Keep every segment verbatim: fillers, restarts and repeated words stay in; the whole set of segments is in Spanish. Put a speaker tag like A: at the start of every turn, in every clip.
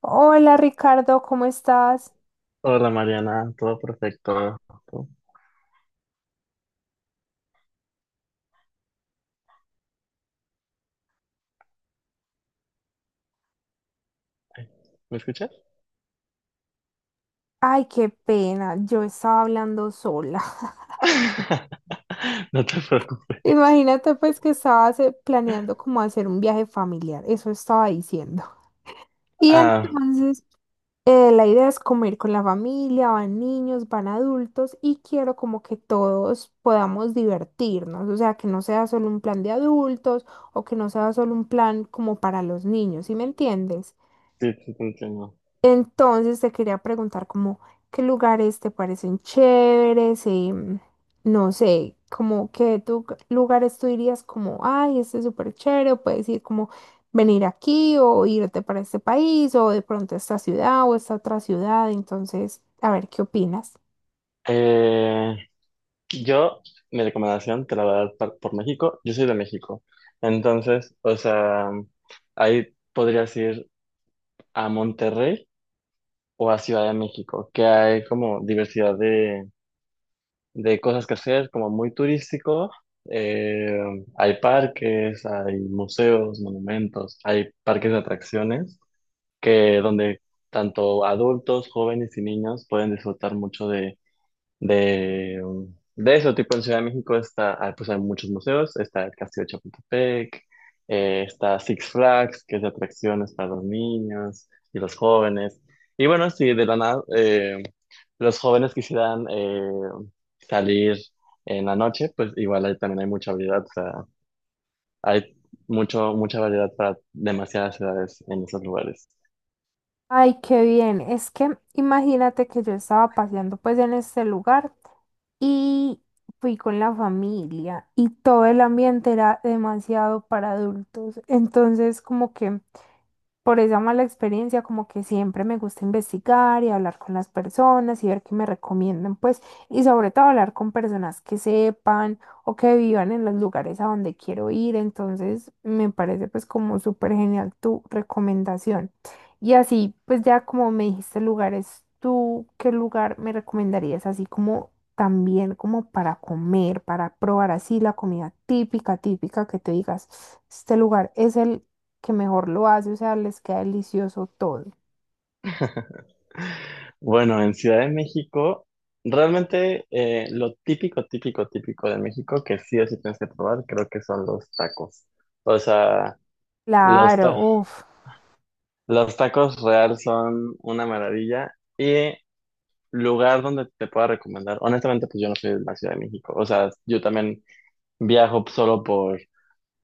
A: Hola Ricardo, ¿cómo estás?
B: Hola Mariana, todo perfecto. ¿Tú? Ay, ¿me escuchas?
A: Ay, qué pena, yo estaba hablando sola.
B: No te preocupes.
A: Imagínate pues que estabas eh, planeando como hacer un viaje familiar, eso estaba diciendo. Y
B: Ah,
A: entonces eh, la idea es como ir con la familia, van niños, van adultos y quiero como que todos podamos divertirnos, o sea, que no sea solo un plan de adultos o que no sea solo un plan como para los niños, ¿sí me entiendes?
B: sí, sí, te entiendo.
A: Entonces te quería preguntar como qué lugares te parecen chéveres y mm, no sé, como qué tu- lugares tú dirías como, ay, este es súper chévere, o puedes ir como venir aquí o irte para este país o de pronto a esta ciudad o esta otra ciudad. Entonces, a ver, ¿qué opinas?
B: Eh, yo, mi recomendación te la voy a dar par- por México. Yo soy de México. Entonces, o sea, ahí podrías ir a Monterrey o a Ciudad de México, que hay como diversidad de cosas que hacer, como muy turístico. Eh, Hay parques, hay museos, monumentos, hay parques de atracciones que donde tanto adultos, jóvenes y niños pueden disfrutar mucho de, de, um, de eso. Tipo en Ciudad de México está, ah, pues hay muchos museos, está el Castillo de Chapultepec, eh, está Six Flags, que es de atracciones para los niños y los jóvenes. Y bueno, si de la nada eh, los jóvenes quisieran eh, salir en la noche, pues igual ahí también hay mucha variedad, o sea, hay mucho, mucha variedad para demasiadas ciudades en esos lugares.
A: Ay, qué bien. Es que imagínate que yo estaba paseando pues en este lugar y fui con la familia y todo el ambiente era demasiado para adultos. Entonces como que por esa mala experiencia, como que siempre me gusta investigar y hablar con las personas y ver qué me recomiendan, pues, y sobre todo hablar con personas que sepan o que vivan en los lugares a donde quiero ir. Entonces, me parece pues como súper genial tu recomendación. Y así, pues ya como me dijiste lugares, ¿tú qué lugar me recomendarías así como también como para comer, para probar así la comida típica, típica que te digas, este lugar es el que mejor lo hace, o sea, les queda delicioso todo.
B: Bueno, en Ciudad de México, realmente eh, lo típico, típico, típico de México que sí o sí tienes que probar, creo que son los tacos. O sea, los,
A: Claro,
B: ta-
A: uff,
B: los tacos real son una maravilla y lugar donde te pueda recomendar, honestamente, pues yo no soy de la Ciudad de México, o sea, yo también viajo solo por,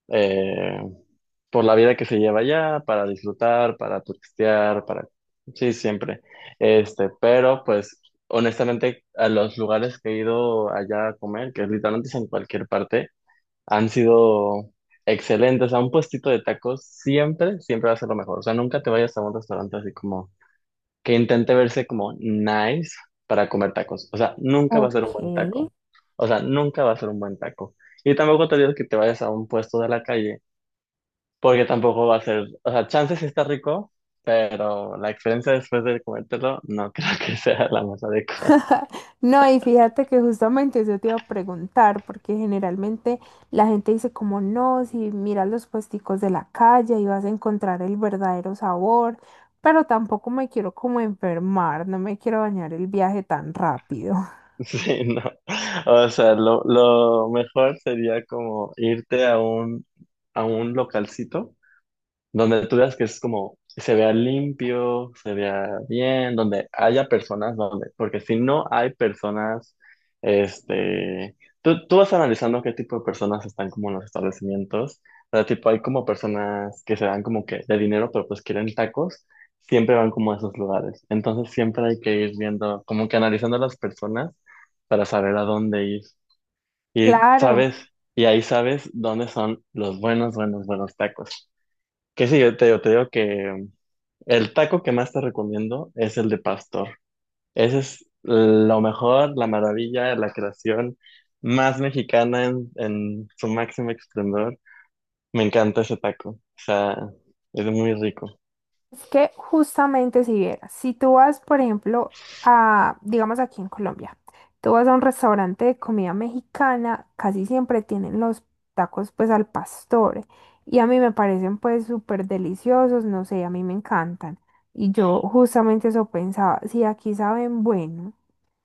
B: eh, por la vida que se lleva allá, para disfrutar, para turistear, para... Sí, siempre. Este, pero pues honestamente a los lugares que he ido allá a comer, que literalmente es en cualquier parte, han sido excelentes. A un puestito de tacos siempre, siempre va a ser lo mejor. O sea, nunca te vayas a un restaurante así como que intente verse como nice para comer tacos. O sea, nunca va a ser un buen
A: ok.
B: taco. O sea, nunca va a ser un buen taco. Y tampoco te digo que te vayas a un puesto de la calle, porque tampoco va a ser, o sea, chances sí está rico, pero la experiencia después de comértelo no creo que sea la más adecuada.
A: No, y fíjate que justamente eso te iba a preguntar, porque generalmente la gente dice como no, si miras los puesticos de la calle y vas a encontrar el verdadero sabor, pero tampoco me quiero como enfermar, no me quiero bañar el viaje tan rápido.
B: Sí, no. O sea, lo, lo mejor sería como irte a un, a un localcito donde tú veas que es como, se vea limpio, se vea bien, donde haya personas, donde, porque si no hay personas, este, tú, tú vas analizando qué tipo de personas están como en los establecimientos, o sea, tipo, hay como personas que se dan como que de dinero, pero pues quieren tacos, siempre van como a esos lugares, entonces siempre hay que ir viendo, como que analizando a las personas para saber a dónde ir, y sabes,
A: Claro.
B: y ahí sabes dónde son los buenos, buenos, buenos tacos. Que sí, yo te, yo te digo que el taco que más te recomiendo es el de pastor. Ese es lo mejor, la maravilla, la creación más mexicana en, en su máximo esplendor. Me encanta ese taco. O sea, es muy rico.
A: Es que justamente si vieras, si tú vas, por ejemplo, a, digamos aquí en Colombia, tú vas a un restaurante de comida mexicana, casi siempre tienen los tacos pues al pastor y a mí me parecen pues súper deliciosos, no sé, a mí me encantan. Y yo justamente eso pensaba, si aquí saben bueno,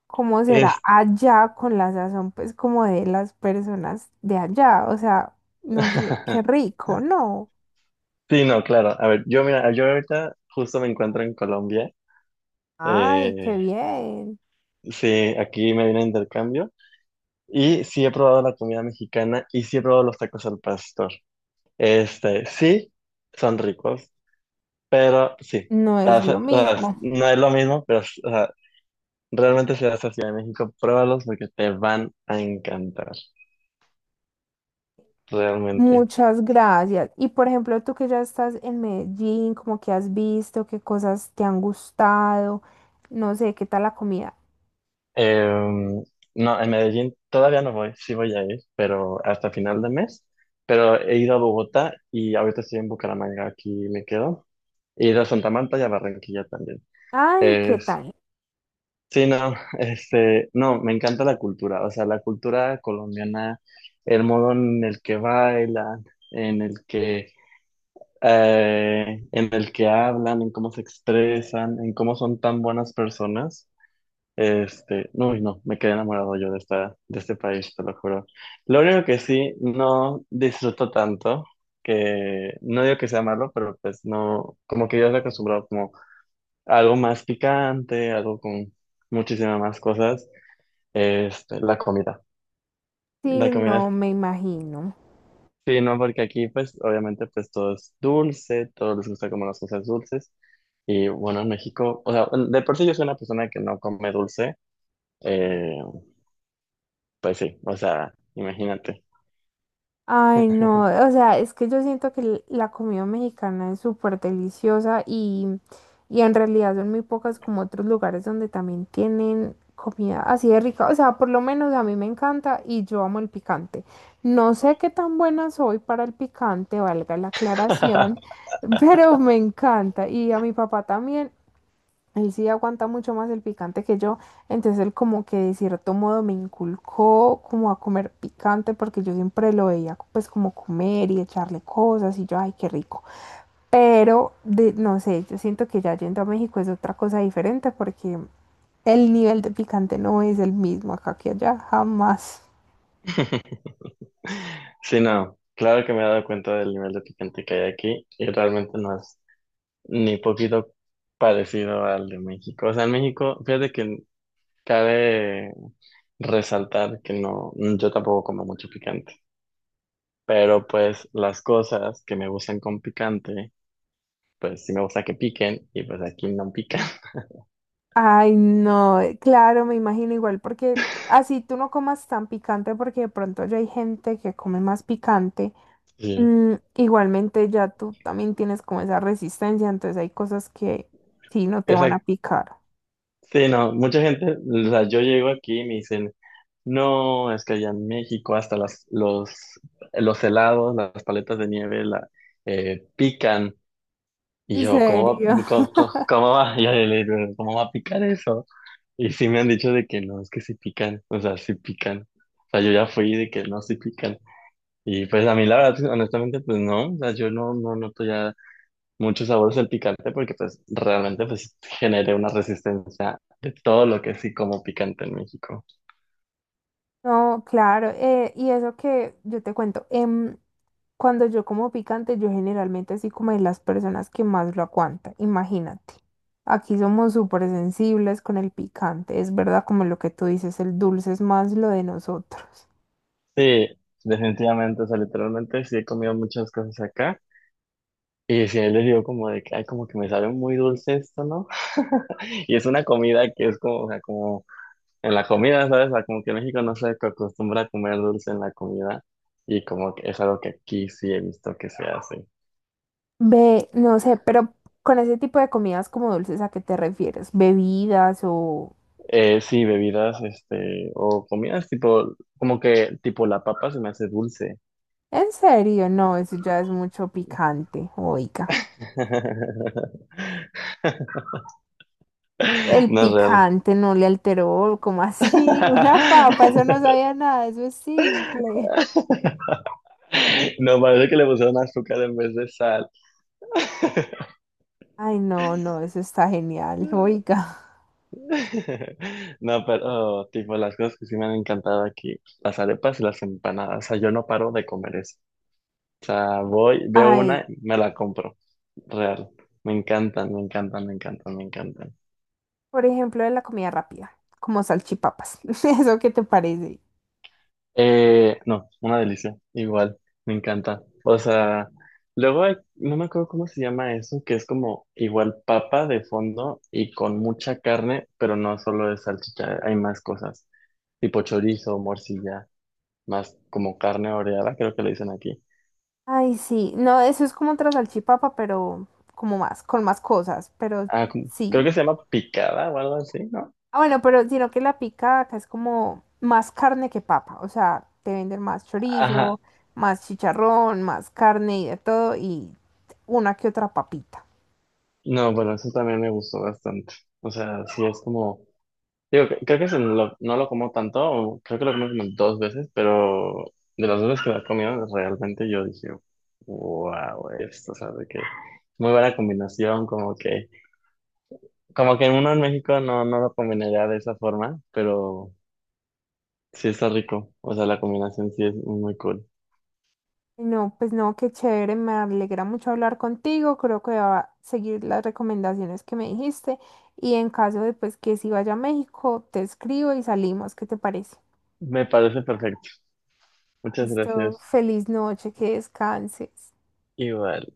A: ¿cómo será
B: Es...
A: allá con la sazón pues como de las personas de allá? O sea, no sé, qué rico, ¿no?
B: Sí, no, claro. A ver, yo mira, yo ahorita justo me encuentro en Colombia.
A: Ay,
B: Eh,
A: qué bien.
B: sí, aquí me vine a intercambio. Y sí he probado la comida mexicana y sí he probado los tacos al pastor. Este, sí, son ricos, pero sí,
A: No es
B: las-
A: lo
B: las-
A: mismo.
B: no es lo mismo, pero o sea, realmente si vas a Ciudad de México, pruébalos porque te van a encantar, realmente.
A: Muchas gracias. Y por ejemplo, tú que ya estás en Medellín, como que has visto, qué cosas te han gustado, no sé, qué tal la comida.
B: Em, no, en Medellín todavía no voy, sí voy a ir, pero hasta final de mes, pero he ido a Bogotá y ahorita estoy en Bucaramanga, aquí me quedo, he ido a Santa Marta y a Barranquilla también.
A: Ay, qué tal.
B: Sí, no, este, no, me encanta la cultura, o sea, la cultura colombiana, el modo en el que bailan, en el que, eh, en el que hablan, en cómo se expresan, en cómo son tan buenas personas, este, no, no, me quedé enamorado yo de esta, de este país, te lo juro. Lo único que sí, no disfruto tanto, que no digo que sea malo, pero pues no, como que yo estoy acostumbrado como a algo más picante, algo con muchísimas más cosas. Este, la comida. La
A: Sí,
B: comida,
A: no me imagino.
B: sí, no, porque aquí pues obviamente pues todo es dulce, todos les gusta como las cosas dulces. Y bueno, en México, o sea, de por sí yo soy una persona que no come dulce, eh, pues sí, o sea, imagínate.
A: Ay, no, o sea, es que yo siento que l- la comida mexicana es súper deliciosa y, y en realidad son muy pocas como otros lugares donde también tienen comida así de rica. O sea, por lo menos a mí me encanta y yo amo el picante. No sé qué tan buena soy para el picante, valga la aclaración, pero me encanta. Y a mi papá también, él sí aguanta mucho más el picante que yo. Entonces él como que de cierto modo me inculcó como a comer picante porque yo siempre lo veía pues como comer y echarle cosas y yo, ay, qué rico. Pero de, no sé, yo siento que ya yendo a México es otra cosa diferente porque el nivel de picante no es el mismo acá que allá, jamás.
B: Sí, no, claro que me he dado cuenta del nivel de picante que hay aquí y realmente no es ni poquito parecido al de México. O sea, en México, fíjate que cabe resaltar que no, yo tampoco como mucho picante, pero pues las cosas que me gustan con picante, pues sí me gusta que piquen y pues aquí no pican.
A: Ay, no, eh, claro, me imagino igual, porque así tú no comas tan picante, porque de pronto ya hay gente que come más picante.
B: Sí.
A: Mm, igualmente ya tú también tienes como esa resistencia, entonces hay cosas que sí no te van a
B: Exacto.
A: picar.
B: Sí, no, mucha gente, o sea, yo llego aquí y me dicen, no, es que allá en México hasta las, los, los helados, las paletas de nieve la, eh, pican. Y
A: ¿En
B: yo, ¿cómo va,
A: serio?
B: cómo, cómo- cómo va? Y yo le digo, ¿cómo va a picar eso? Y sí me han dicho de que no, es que sí pican, o sea, sí pican. O sea, yo ya fui de que no, sí pican. Y pues a mí la verdad, honestamente, pues no, o sea, yo no, no noto ya muchos sabores del picante porque pues realmente pues generé una resistencia de todo lo que sí como picante en México.
A: No, claro, eh, y eso que yo te cuento, em, cuando yo como picante, yo generalmente así como de las personas que más lo aguantan, imagínate. Aquí somos súper sensibles con el picante, es verdad como lo que tú dices, el dulce es más lo de nosotros.
B: Sí, definitivamente, o sea, literalmente sí he comido muchas cosas acá. Y sí, él le digo como de que, ay, como que me sabe muy dulce esto, ¿no? Y es una comida que es como, o sea, como en la comida, ¿sabes? O sea, como que México no se acostumbra a comer dulce en la comida y como que es algo que aquí sí he visto que se hace.
A: Ve, no sé, pero con ese tipo de comidas como dulces, ¿a qué te refieres? ¿Bebidas o...?
B: Eh, sí, bebidas, este, o comidas tipo, como que tipo la papa se me hace dulce.
A: En serio, no, eso ya es mucho picante, oiga. ¿El
B: No es real.
A: picante no le alteró, como así? Una papa, eso no sabía nada, eso es simple.
B: No, parece que le pusieron azúcar en vez de sal.
A: Ay, no, no, eso está genial, oiga.
B: No, pero tipo las cosas que sí me han encantado aquí, las arepas y las empanadas, o sea, yo no paro de comer eso. O sea, voy, veo
A: Ay,
B: una y me la compro, real. Me encantan, me encantan, me encantan, me encantan.
A: por ejemplo, de la comida rápida, como salchipapas. ¿Eso qué te parece?
B: Eh, no, una delicia, igual, me encanta. O sea, luego hay- no me acuerdo cómo se llama eso, que es como igual papa de fondo y con mucha carne, pero no solo es salchicha, hay más cosas, tipo chorizo, morcilla. Más como carne oreada, creo que le dicen aquí.
A: Ay, sí, no, eso es como otra salchipapa, pero como más, con más cosas, pero
B: Ah, como- creo
A: sí.
B: que se llama picada o algo así, ¿no?
A: Ah, bueno, pero sino que la pica acá es como más carne que papa, o sea, te venden más
B: Ajá,
A: chorizo, más chicharrón, más carne y de todo, y una que otra papita.
B: no, bueno, eso también me gustó bastante. O sea, sí es como, digo, cre- creo que se lo- no lo como tanto, o creo que lo comí como dos veces, pero de las dos veces que lo he comido, realmente yo dije, wow, esto, o sea, de que muy buena combinación, como que, como que uno en México no, no lo combinaría de esa forma, pero sí está rico, o sea, la combinación sí es muy cool.
A: No, pues no, qué chévere, me alegra mucho hablar contigo, creo que voy a seguir las recomendaciones que me dijiste, y en caso de pues que si vaya a México, te escribo y salimos, ¿qué te parece?
B: Me parece perfecto. Muchas
A: Listo,
B: gracias.
A: feliz noche, que descanses.
B: Igual.